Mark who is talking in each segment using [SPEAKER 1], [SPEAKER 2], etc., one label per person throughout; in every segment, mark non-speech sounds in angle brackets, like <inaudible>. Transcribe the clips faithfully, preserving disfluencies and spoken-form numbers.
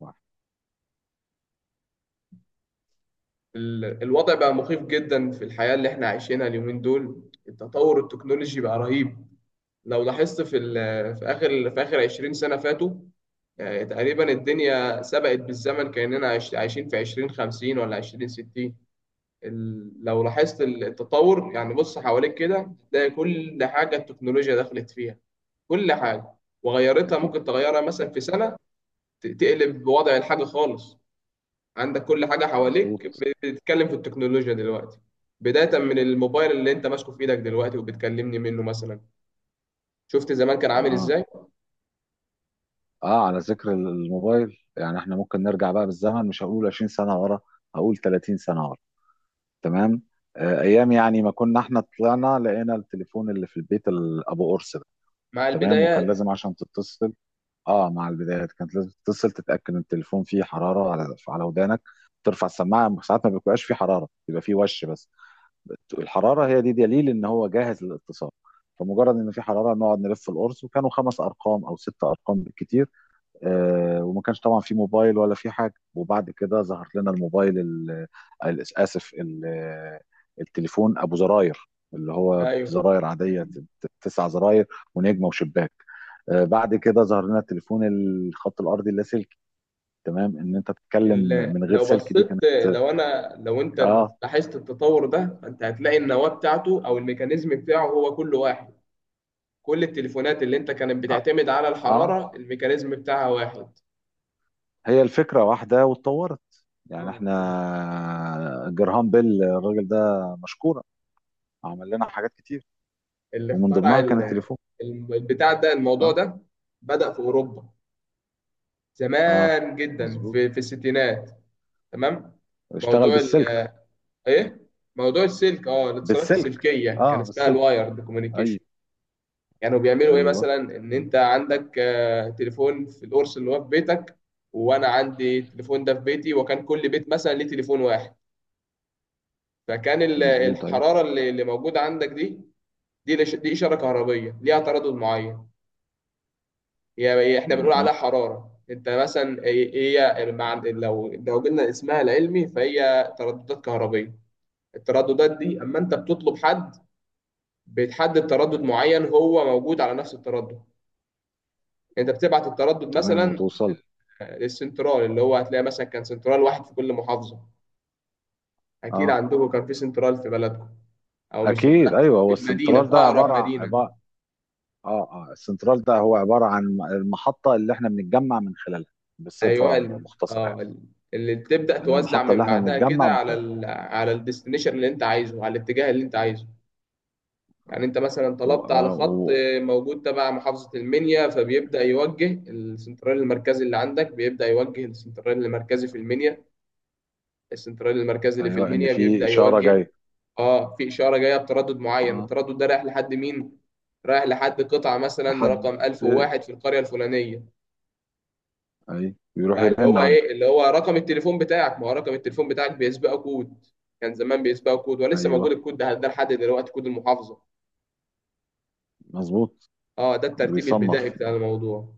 [SPEAKER 1] واحد.
[SPEAKER 2] ال- الوضع بقى مخيف جدا في الحياة اللي احنا عايشينها اليومين دول. التطور التكنولوجي بقى رهيب. لو لاحظت في ال- في آخر في آخر عشرين سنة فاتوا. آه، تقريبا الدنيا سبقت بالزمن كأننا عايش- عايشين في عشرين خمسين ولا عشرين ستين. ال- لو لاحظت ال- التطور، يعني بص حواليك كده تلاقي كل حاجة التكنولوجيا دخلت فيها، كل حاجة. وغيرتها
[SPEAKER 1] اكيد.
[SPEAKER 2] ممكن تغيرها مثلا
[SPEAKER 1] أكيد.
[SPEAKER 2] في سنة. ت- تقلب وضع الحاجة خالص. عندك كل حاجة حواليك
[SPEAKER 1] مظبوط.
[SPEAKER 2] بتتكلم في التكنولوجيا دلوقتي. بداية من الموبايل اللي انت ماسكه في ايدك دلوقتي وبتكلمني منه مثلا. شفت زمان كان عامل
[SPEAKER 1] اها.
[SPEAKER 2] ازاي؟
[SPEAKER 1] اه، على ذكر الموبايل يعني احنا ممكن نرجع بقى بالزمن، مش هقول عشرين سنه ورا، هقول تلاتين سنه ورا. تمام. آه، ايام يعني ما كنا احنا طلعنا لقينا التليفون اللي في البيت، ال- ابو قرص ده.
[SPEAKER 2] مع
[SPEAKER 1] تمام، وكان
[SPEAKER 2] البدايات.
[SPEAKER 1] لازم عشان تتصل. اه، مع البدايات كانت لازم تتصل تتاكد ان التليفون فيه حراره على على ودانك. ترفع السماعه ساعات ما بيبقاش فيه حراره، بيبقى فيه وش بس. الحراره هي دي دليل ان هو جاهز للاتصال. فمجرد ان في حراره نقعد نلف القرص، وكانوا خمس ارقام او ست ارقام بالكتير. آه، وما كانش طبعا في موبايل ولا في حاجه. وبعد كده ظهر لنا الموبايل ال- ال- اسف، ال- التليفون ابو زراير، اللي هو
[SPEAKER 2] ايوه.
[SPEAKER 1] زراير عاديه، ت- ت- تسع زراير ونجمه وشباك. آه، بعد كده ظهر لنا التليفون، الخط الارضي اللاسلكي. تمام، ان انت تتكلم
[SPEAKER 2] ال-
[SPEAKER 1] من غير
[SPEAKER 2] لو
[SPEAKER 1] سلك، دي
[SPEAKER 2] بصيت
[SPEAKER 1] كانت.
[SPEAKER 2] لو انا لو انت
[SPEAKER 1] اه.
[SPEAKER 2] لاحظت التطور ده، انت هتلاقي النواة بتاعته او الميكانيزم بتاعه هو كل واحد. كل التليفونات اللي انت كانت
[SPEAKER 1] اه,
[SPEAKER 2] بتعتمد على
[SPEAKER 1] آه،
[SPEAKER 2] الحرارة الميكانيزم بتاعها واحد.
[SPEAKER 1] هي الفكرة واحدة واتطورت. يعني
[SPEAKER 2] اه.
[SPEAKER 1] احنا جرهام بيل الراجل ده، مشكورة، عمل لنا حاجات كتير،
[SPEAKER 2] اللي
[SPEAKER 1] ومن
[SPEAKER 2] اخترع
[SPEAKER 1] ضمنها كان
[SPEAKER 2] ال-
[SPEAKER 1] التليفون.
[SPEAKER 2] الم- البتاع ده، الموضوع
[SPEAKER 1] اه.
[SPEAKER 2] ده بدأ في أوروبا
[SPEAKER 1] اه.
[SPEAKER 2] زمان جدا،
[SPEAKER 1] مظبوط.
[SPEAKER 2] في في الستينات. تمام.
[SPEAKER 1] اشتغل
[SPEAKER 2] موضوع ال-
[SPEAKER 1] بالسلك.
[SPEAKER 2] ايه، موضوع السلك، اه الاتصالات
[SPEAKER 1] بالسلك،
[SPEAKER 2] السلكيه كان
[SPEAKER 1] اه
[SPEAKER 2] اسمها
[SPEAKER 1] بالسلك.
[SPEAKER 2] الوايرد كوميونيكيشن.
[SPEAKER 1] ايوه.
[SPEAKER 2] يعني بيعملوا ايه
[SPEAKER 1] ايوه.
[SPEAKER 2] مثلا؟ ان انت عندك، آه، تليفون في القرص اللي هو في بيتك، وانا عندي التليفون ده في بيتي، وكان كل بيت مثلا ليه تليفون واحد. فكان ال-
[SPEAKER 1] مظبوط. ايوه.
[SPEAKER 2] الحراره اللي اللي موجوده عندك دي، دي لش- دي اشاره كهربيه ليها تردد معين. هي احنا بنقول
[SPEAKER 1] مهم.
[SPEAKER 2] عليها حرارة انت مثلا. هي هي مع- لو لو قلنا اسمها العلمي، فهي ترددات كهربية. الترددات دي اما انت بتطلب حد، بتحدد تردد معين هو موجود على نفس التردد، انت بتبعت التردد
[SPEAKER 1] تمام
[SPEAKER 2] مثلا
[SPEAKER 1] وتوصل.
[SPEAKER 2] آه، للسنترال، اللي هو هتلاقي مثلا كان سنترال واحد في كل محافظة. اكيد
[SPEAKER 1] اه.
[SPEAKER 2] عندكم كان في سنترال في بلدكم، او مش في بلدكم،
[SPEAKER 1] اكيد، ايوه، هو
[SPEAKER 2] في المدينة، في
[SPEAKER 1] السنترال ده عبارة
[SPEAKER 2] اقرب مدينة.
[SPEAKER 1] عبارة. اه. اه السنترال ده هو عبارة عن المحطة اللي احنا بنتجمع من خلالها،
[SPEAKER 2] ايوه
[SPEAKER 1] بصفة
[SPEAKER 2] ال-
[SPEAKER 1] مختصرة يعني.
[SPEAKER 2] اه ال- اللي تبدا
[SPEAKER 1] يعني
[SPEAKER 2] توزع
[SPEAKER 1] المحطة اللي
[SPEAKER 2] من
[SPEAKER 1] احنا
[SPEAKER 2] بعدها
[SPEAKER 1] بنتجمع
[SPEAKER 2] كده
[SPEAKER 1] من
[SPEAKER 2] على
[SPEAKER 1] خلالها.
[SPEAKER 2] ال- على الديستنيشن اللي انت عايزه، على الاتجاه اللي انت عايزه. يعني انت مثلا
[SPEAKER 1] و...
[SPEAKER 2] طلبت على
[SPEAKER 1] و...
[SPEAKER 2] خط
[SPEAKER 1] و...
[SPEAKER 2] آه، موجود تبع محافظه المنيا، فبيبدا يوجه السنترال المركزي اللي عندك، بيبدا يوجه السنترال المركزي في المنيا. السنترال المركزي اللي في
[SPEAKER 1] ايوه، ان
[SPEAKER 2] المنيا
[SPEAKER 1] في
[SPEAKER 2] بيبدا
[SPEAKER 1] اشاره
[SPEAKER 2] يوجه.
[SPEAKER 1] جايه.
[SPEAKER 2] اه، في اشاره جايه بتردد معين،
[SPEAKER 1] اه،
[SPEAKER 2] التردد ده رايح لحد مين؟ رايح لحد قطعه مثلا
[SPEAKER 1] لحد،
[SPEAKER 2] رقم ألف وواحد في القريه الفلانيه.
[SPEAKER 1] اي بيروح
[SPEAKER 2] بقى اللي
[SPEAKER 1] يرن
[SPEAKER 2] هو
[SPEAKER 1] عنده.
[SPEAKER 2] ايه؟ اللي هو رقم التليفون بتاعك. ما هو رقم التليفون بتاعك بيسبقه كود، كان زمان بيسبقه كود ولسه موجود
[SPEAKER 1] ايوه،
[SPEAKER 2] الكود ده ده لحد دلوقتي، كود المحافظه.
[SPEAKER 1] مظبوط.
[SPEAKER 2] اه، ده الترتيب البدائي
[SPEAKER 1] بيصنف،
[SPEAKER 2] بتاع الموضوع.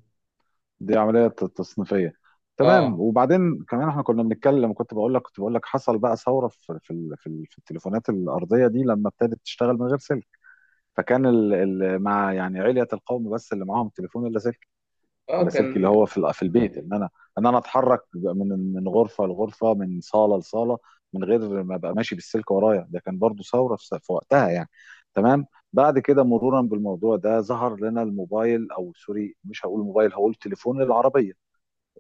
[SPEAKER 1] دي عمليه ت- تصنيفيه. تمام،
[SPEAKER 2] اه.
[SPEAKER 1] وبعدين كمان احنا كنا بنتكلم، كنت بقول لك كنت بقول لك حصل بقى ثوره في في ال- في ال- في التليفونات الارضيه دي لما ابتدت تشتغل من غير سلك. فكان ال... ال... مع يعني علية القوم بس اللي معاهم تليفون اللاسلكي.
[SPEAKER 2] اه،
[SPEAKER 1] اللاسلكي
[SPEAKER 2] كان
[SPEAKER 1] اللي هو في ال- في البيت، ان انا ان انا اتحرك من من غرفه لغرفه، من صاله لصاله، من غير ما ابقى ماشي بالسلك ورايا. ده كان برضو ثوره في في وقتها يعني. تمام. بعد كده مرورا بالموضوع ده ظهر لنا الموبايل، او سوري، مش هقول موبايل، هقول تليفون العربيه.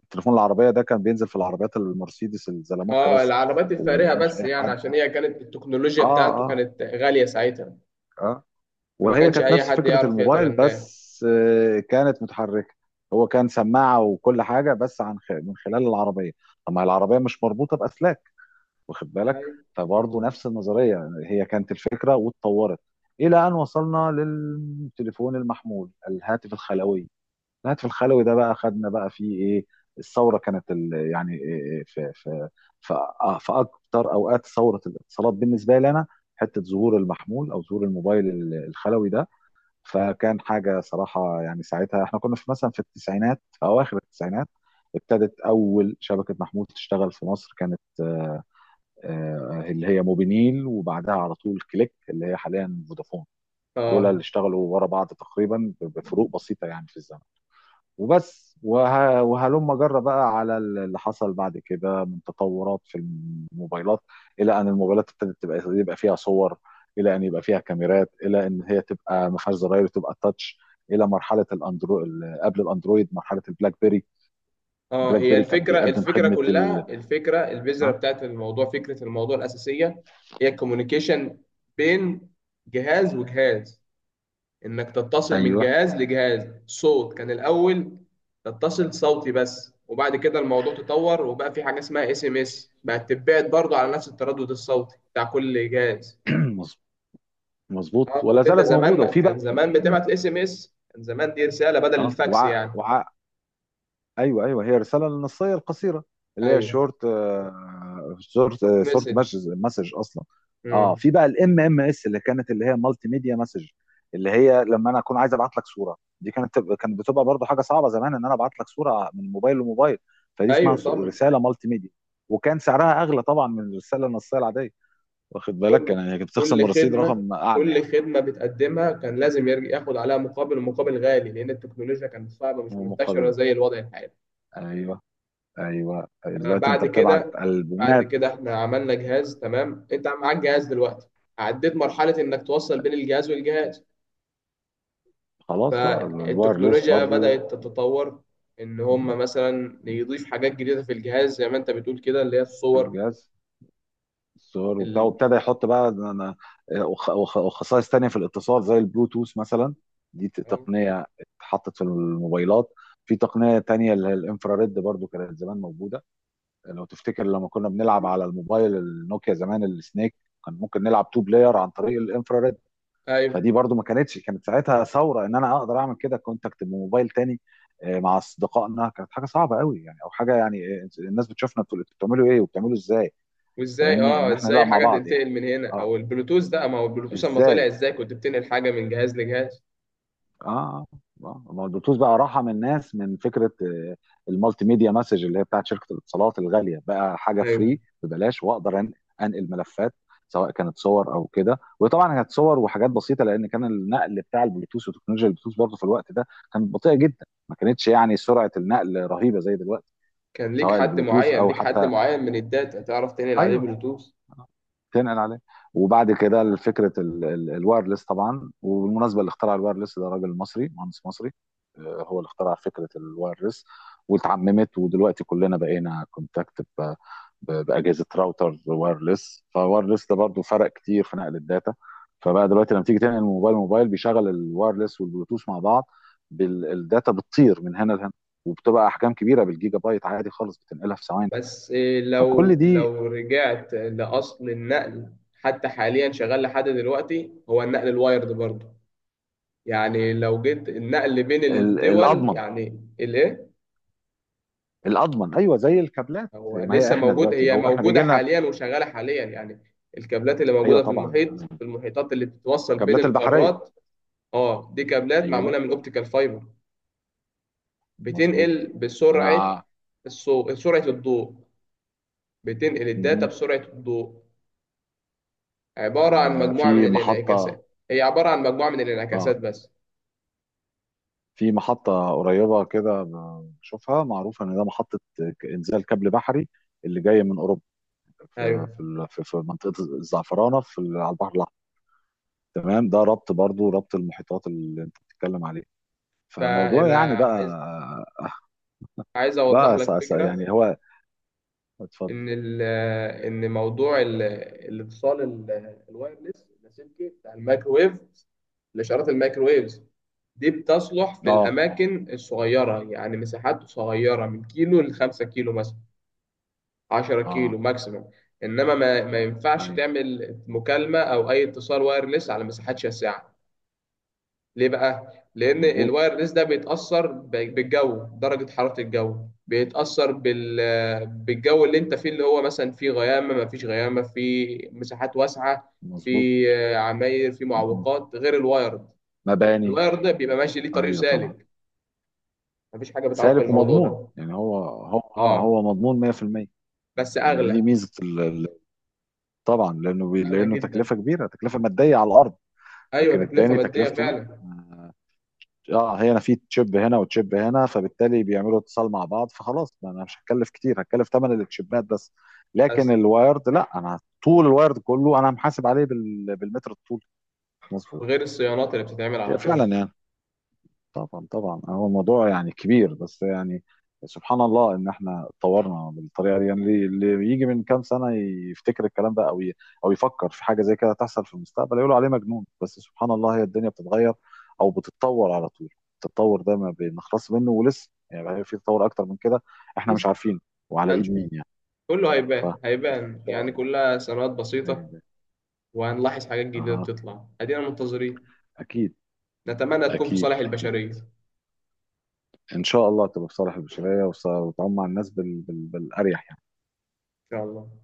[SPEAKER 1] التليفون العربيه ده كان بينزل في العربيات المرسيدس الزلموكه
[SPEAKER 2] اه
[SPEAKER 1] بس.
[SPEAKER 2] العربات
[SPEAKER 1] وما
[SPEAKER 2] الفارهه
[SPEAKER 1] كانش
[SPEAKER 2] بس،
[SPEAKER 1] اي
[SPEAKER 2] يعني
[SPEAKER 1] حد.
[SPEAKER 2] عشان هي كانت التكنولوجيا
[SPEAKER 1] اه.
[SPEAKER 2] بتاعته
[SPEAKER 1] اه.
[SPEAKER 2] كانت غاليه ساعتها.
[SPEAKER 1] اه.
[SPEAKER 2] فما
[SPEAKER 1] وهي
[SPEAKER 2] كانش
[SPEAKER 1] كانت
[SPEAKER 2] اي
[SPEAKER 1] نفس
[SPEAKER 2] حد
[SPEAKER 1] فكرة
[SPEAKER 2] يعرف
[SPEAKER 1] الموبايل
[SPEAKER 2] يتبناه.
[SPEAKER 1] بس، آه، كانت متحركة. هو كان سماعة وكل حاجة بس عن خ- من خلال العربية. طب ما العربية مش مربوطة بأسلاك، واخد بالك.
[SPEAKER 2] أيوة.
[SPEAKER 1] فبرضه نفس النظرية، هي كانت الفكرة واتطورت إلى أن وصلنا للتليفون المحمول، الهاتف الخلوي. الهاتف الخلوي ده بقى خدنا بقى فيه إيه. الثورة كانت ال- يعني إيه، في في في آه، في أكتر أوقات ثورة الاتصالات بالنسبة لي أنا، حتة ظهور المحمول أو ظهور الموبايل الخلوي ده. فكان حاجة صراحة، يعني ساعتها احنا كنا في مثلا في التسعينات في أواخر التسعينات. ابتدت أول شبكة محمول تشتغل في مصر، كانت آه، آه، اللي هي موبينيل، وبعدها على طول كليك اللي هي حاليا فودافون. دول اللي
[SPEAKER 2] اه.
[SPEAKER 1] اشتغلوا ورا بعض تقريبا بفروق بسيطة يعني في الزمن. وبس، وه... وهلم جرى بقى على اللي حصل بعد كده من تطورات في الموبايلات، الى ان الموبايلات ابتدت تبقى يبقى فيها صور، الى ان يبقى فيها كاميرات، الى ان هي تبقى ما فيهاش زراير وتبقى تاتش، الى مرحله الاندرو ال- قبل الاندرويد مرحله البلاك بيري.
[SPEAKER 2] اه
[SPEAKER 1] البلاك
[SPEAKER 2] هي
[SPEAKER 1] بيري كان
[SPEAKER 2] الفكره
[SPEAKER 1] بيقدم
[SPEAKER 2] الفكره
[SPEAKER 1] خدمه ال.
[SPEAKER 2] كلها الفكره البذره
[SPEAKER 1] اه.
[SPEAKER 2] بتاعت الموضوع، فكره الموضوع الاساسيه، هي الكوميونيكيشن بين جهاز وجهاز. انك تتصل من
[SPEAKER 1] ايوه.
[SPEAKER 2] جهاز لجهاز. صوت كان الاول، تتصل صوتي بس، وبعد كده الموضوع تطور وبقى في حاجه اسمها اس ام اس، بقت تتبعت برضه على نفس التردد الصوتي بتاع كل جهاز.
[SPEAKER 1] <clears throat> مظ- مظبوط
[SPEAKER 2] اه،
[SPEAKER 1] ولا
[SPEAKER 2] كنت انت
[SPEAKER 1] زالت
[SPEAKER 2] زمان،
[SPEAKER 1] موجوده
[SPEAKER 2] ما
[SPEAKER 1] وفي
[SPEAKER 2] كان
[SPEAKER 1] بقى.
[SPEAKER 2] زمان بتبعت الاس ام اس، كان زمان دي رساله بدل
[SPEAKER 1] اه.
[SPEAKER 2] الفاكس
[SPEAKER 1] وع...
[SPEAKER 2] يعني.
[SPEAKER 1] وع... ايوه، ايوه، هي الرساله النصيه القصيره اللي هي
[SPEAKER 2] ايوه.
[SPEAKER 1] شورت. شورت شورت
[SPEAKER 2] مسج.
[SPEAKER 1] مسج اصلا. اه،
[SPEAKER 2] امم.
[SPEAKER 1] في بقى الام ام اس اللي كانت، اللي هي مالتي ميديا مسج، اللي هي لما انا اكون عايز ابعت لك صوره. دي كانت تب- كانت بتبقى برضه حاجه صعبه زمان، ان انا ابعت لك صوره من موبايل لموبايل. فدي اسمها
[SPEAKER 2] ايوه
[SPEAKER 1] س-
[SPEAKER 2] طبعا.
[SPEAKER 1] رساله مالتي ميديا. وكان سعرها اغلى طبعا من الرساله النصيه العاديه، واخد بالك. كان
[SPEAKER 2] كل
[SPEAKER 1] يعني كنت بتخصم من
[SPEAKER 2] كل
[SPEAKER 1] الرصيد
[SPEAKER 2] خدمه
[SPEAKER 1] رقم اعلى يعني.
[SPEAKER 2] كل خدمه بتقدمها كان لازم يرجع ياخد عليها مقابل، ومقابل غالي، لان التكنولوجيا كانت صعبه مش منتشره
[SPEAKER 1] ومقابله.
[SPEAKER 2] زي الوضع الحالي.
[SPEAKER 1] ايوه. ايوه،
[SPEAKER 2] آه،
[SPEAKER 1] دلوقتي انت
[SPEAKER 2] بعد
[SPEAKER 1] بتبعت
[SPEAKER 2] كده بعد
[SPEAKER 1] البومات.
[SPEAKER 2] كده احنا عملنا جهاز. تمام، انت معاك جهاز دلوقتي، عديت مرحلة انك توصل بين الجهاز والجهاز.
[SPEAKER 1] خلاص لا، الوايرلس
[SPEAKER 2] فالتكنولوجيا
[SPEAKER 1] برضو.
[SPEAKER 2] بدأت تتطور، ان
[SPEAKER 1] في
[SPEAKER 2] هم مثلا يضيف حاجات جديدة في الجهاز زي ما انت بتقول كده، اللي هي الصور.
[SPEAKER 1] الجهاز. الصور وبتاع،
[SPEAKER 2] ال...
[SPEAKER 1] وابتدى يحط بقى انا وخ- وخ- وخصائص تانية في الاتصال زي البلوتوث مثلا. دي ت-
[SPEAKER 2] آه،
[SPEAKER 1] تقنية اتحطت في الموبايلات. في تقنية تانية اللي هي الانفراريد، برضو كانت زمان موجودة. لو تفتكر لما كنا بنلعب على الموبايل النوكيا زمان السنيك، كان ممكن نلعب تو بلاير عن طريق الانفراريد.
[SPEAKER 2] ايوه.
[SPEAKER 1] فدي برضو ما كانتش، كانت ساعتها ثورة، ان انا اقدر اعمل كده كونتاكت بموبايل تاني. آه، مع اصدقائنا كانت حاجة صعبة قوي يعني، او حاجة يعني. آه، الناس بتشوفنا بتقول انتوا بتعملوا ايه وبتعملوا ازاي.
[SPEAKER 2] وازاي،
[SPEAKER 1] فاهمني،
[SPEAKER 2] اه
[SPEAKER 1] ان احنا
[SPEAKER 2] ازاي
[SPEAKER 1] نلعب مع
[SPEAKER 2] حاجة
[SPEAKER 1] بعض يعني.
[SPEAKER 2] تنتقل من هنا،
[SPEAKER 1] اه.
[SPEAKER 2] او البلوتوث ده، ما هو البلوتوث لما طلع
[SPEAKER 1] ازاي.
[SPEAKER 2] ازاي كنت بتنقل حاجة من جهاز لجهاز؟
[SPEAKER 1] اه. آه. آه. ما هو البلوتوث بقى راحه من الناس، من فكره آه، المالتي ميديا مسج اللي هي بتاعت شركه الاتصالات الغاليه، بقى حاجه
[SPEAKER 2] ايوه.
[SPEAKER 1] فري ببلاش، واقدر أن- انقل ملفات، سواء كانت صور او كده. وطبعا كانت صور وحاجات بسيطه، لان كان النقل بتاع البلوتوث وتكنولوجيا البلوتوث برضه في الوقت ده كانت بطيئه جدا، ما كانتش يعني سرعه النقل رهيبه زي دلوقتي.
[SPEAKER 2] كان
[SPEAKER 1] سواء
[SPEAKER 2] ليك حد
[SPEAKER 1] البلوتوث
[SPEAKER 2] معين
[SPEAKER 1] او
[SPEAKER 2] ليك حد
[SPEAKER 1] حتى.
[SPEAKER 2] معين من الداتا تعرف تنقل عليه
[SPEAKER 1] ايوه.
[SPEAKER 2] بلوتوث.
[SPEAKER 1] تنقل عليه. وبعد كده فكره ال- ال- الوايرلس طبعا. وبالمناسبه، اللي اخترع الوايرلس ده راجل مصري، مهندس مصري، آه، هو اللي اخترع فكره الوايرلس واتعممت. ودلوقتي كلنا بقينا كونتاكت ب- ب- باجهزه راوتر وايرلس. فالوايرلس ده برضو فرق كتير في نقل الداتا. فبقى دلوقتي لما تيجي تنقل موبايل موبايل بيشغل الوايرلس والبلوتوث مع بعض، بال- الداتا بتطير من هنا لهنا، وبتبقى احجام كبيره بالجيجا بايت عادي خالص، بتنقلها في ثواني.
[SPEAKER 2] بس
[SPEAKER 1] فكل
[SPEAKER 2] لو
[SPEAKER 1] دي
[SPEAKER 2] لو رجعت لأصل النقل، حتى حاليا شغال لحد دلوقتي هو النقل الوايرد برضه. يعني لو جيت النقل بين
[SPEAKER 1] ال-
[SPEAKER 2] الدول
[SPEAKER 1] الاضمن.
[SPEAKER 2] يعني الايه؟
[SPEAKER 1] الاضمن، ايوه، زي الكابلات.
[SPEAKER 2] هو
[SPEAKER 1] ما هي
[SPEAKER 2] لسه
[SPEAKER 1] احنا
[SPEAKER 2] موجود،
[SPEAKER 1] دلوقتي،
[SPEAKER 2] هي
[SPEAKER 1] هو احنا
[SPEAKER 2] موجودة
[SPEAKER 1] بيجي لنا.
[SPEAKER 2] حاليا وشغالة حاليا يعني. الكابلات اللي
[SPEAKER 1] ايوه
[SPEAKER 2] موجودة في
[SPEAKER 1] طبعا.
[SPEAKER 2] المحيط،
[SPEAKER 1] أنا-
[SPEAKER 2] في المحيطات اللي بتتوصل بين
[SPEAKER 1] الكابلات البحريه.
[SPEAKER 2] القارات. اه، دي كابلات
[SPEAKER 1] ايوه،
[SPEAKER 2] معمولة من اوبتيكال فايبر،
[SPEAKER 1] مظبوط.
[SPEAKER 2] بتنقل بسرعة
[SPEAKER 1] انا.
[SPEAKER 2] الصوت، سرعة الضوء، بتنقل الداتا
[SPEAKER 1] مهم.
[SPEAKER 2] بسرعة الضوء. عبارة عن
[SPEAKER 1] آه،
[SPEAKER 2] مجموعة من
[SPEAKER 1] في محطه.
[SPEAKER 2] الانعكاسات، هي عبارة عن مجموعة من الانعكاسات
[SPEAKER 1] اه،
[SPEAKER 2] بس.
[SPEAKER 1] في محطه قريبه كده، بشوفها، معروفه ان ده محطه ك- انزال كابل بحري، اللي جاي من اوروبا، في في
[SPEAKER 2] أيوه.
[SPEAKER 1] ال- في في منطقه الزعفرانه في ال- على البحر الاحمر. تمام، ده ربط برضو ربط المحيطات اللي انت بتتكلم عليه. فالموضوع
[SPEAKER 2] فأنا
[SPEAKER 1] يعني
[SPEAKER 2] عايز
[SPEAKER 1] بقى،
[SPEAKER 2] عايز أوضح
[SPEAKER 1] بقى س-
[SPEAKER 2] لك
[SPEAKER 1] س-
[SPEAKER 2] فكرة.
[SPEAKER 1] يعني هو. اتفضل.
[SPEAKER 2] إن ال إن موضوع ال- الاتصال ال- الوايرلس اللاسلكي بتاع الميكروويف، الإشارات الميكروويفز دي بتصلح في
[SPEAKER 1] اه.
[SPEAKER 2] الأماكن الصغيرة، يعني مساحات صغيرة من كيلو لخمسة كيلو مثلا، عشرة
[SPEAKER 1] اه.
[SPEAKER 2] كيلو ماكسيموم. إنما ما, ما ينفعش
[SPEAKER 1] ايوه.
[SPEAKER 2] تعمل مكالمة أو أي اتصال وايرلس على مساحات شاسعة. ليه بقى؟ لأن
[SPEAKER 1] مظبوط.
[SPEAKER 2] الوايرلس ده بيتأثر ب- بالجو، درجة حرارة الجو، بيتأثر بال... بالجو اللي أنت فيه، اللي هو مثلا فيه غيامة، ما فيش غيامة، فيه مساحات واسعة،
[SPEAKER 1] مظبوط.
[SPEAKER 2] في آه، عماير، في
[SPEAKER 1] مهم.
[SPEAKER 2] معوقات، غير الوايرد.
[SPEAKER 1] مباني.
[SPEAKER 2] الوايرد ده بيبقى ماشي ليه طريق
[SPEAKER 1] ايوه طبعا.
[SPEAKER 2] سالك، مفيش حاجة بتعوق
[SPEAKER 1] سالك
[SPEAKER 2] الموضوع
[SPEAKER 1] ومضمون،
[SPEAKER 2] ده.
[SPEAKER 1] يعني هو هو، اه،
[SPEAKER 2] اه.
[SPEAKER 1] هو مضمون مية بالمية.
[SPEAKER 2] بس
[SPEAKER 1] يعني دي
[SPEAKER 2] أغلى،
[SPEAKER 1] ميزه ال- ال- طبعا، لانه بي
[SPEAKER 2] أغلى
[SPEAKER 1] لانه
[SPEAKER 2] جدا.
[SPEAKER 1] تكلفه كبيره، تكلفه ماديه على الارض.
[SPEAKER 2] أيوه
[SPEAKER 1] لكن
[SPEAKER 2] تكلفة
[SPEAKER 1] التاني
[SPEAKER 2] مادية
[SPEAKER 1] تكلفته لا.
[SPEAKER 2] فعلا.
[SPEAKER 1] اه، هي انا في تشيب هنا وتشيب هنا، فبالتالي بيعملوا اتصال مع بعض، فخلاص ما انا مش هتكلف كتير، هتكلف ثمن التشيبات بس. لكن
[SPEAKER 2] بس
[SPEAKER 1] الوايرد لا، انا طول الوايرد كله انا محاسب عليه بال- بالمتر الطول. مظبوط.
[SPEAKER 2] غير الصيانات اللي بتتعمل على
[SPEAKER 1] فعلا
[SPEAKER 2] طول.
[SPEAKER 1] يعني. طبعا طبعا، هو الموضوع يعني كبير بس يعني. سبحان الله ان احنا اتطورنا بالطريقه دي. يعني اللي اللي يجي من كام سنه يفتكر الكلام ده، او ي- او يفكر في حاجه زي كده تحصل في المستقبل، يقولوا عليه مجنون. بس سبحان الله، هي الدنيا بتتغير او بتتطور على طول. التطور ده ما بنخلص منه، ولسه يعني، هي في تطور اكتر من كده احنا مش
[SPEAKER 2] لسه
[SPEAKER 1] عارفينه، وعلى ايد
[SPEAKER 2] هنشوف.
[SPEAKER 1] مين يعني.
[SPEAKER 2] كله
[SPEAKER 1] ف
[SPEAKER 2] هيبان،
[SPEAKER 1] ان
[SPEAKER 2] هيبان
[SPEAKER 1] شاء
[SPEAKER 2] يعني
[SPEAKER 1] الله.
[SPEAKER 2] كلها صيانات بسيطة.
[SPEAKER 1] أيوة.
[SPEAKER 2] وهنلاحظ حاجات جديدة
[SPEAKER 1] اها.
[SPEAKER 2] بتطلع، أدينا منتظرين.
[SPEAKER 1] اكيد.
[SPEAKER 2] نتمنى تكون في
[SPEAKER 1] اكيد.
[SPEAKER 2] صالح
[SPEAKER 1] اكيد
[SPEAKER 2] البشرية إن
[SPEAKER 1] ان شاء الله تبقى في صالح البشريه، وتص- وتعم على الناس بال... بال... بالاريح يعني.
[SPEAKER 2] شاء الله.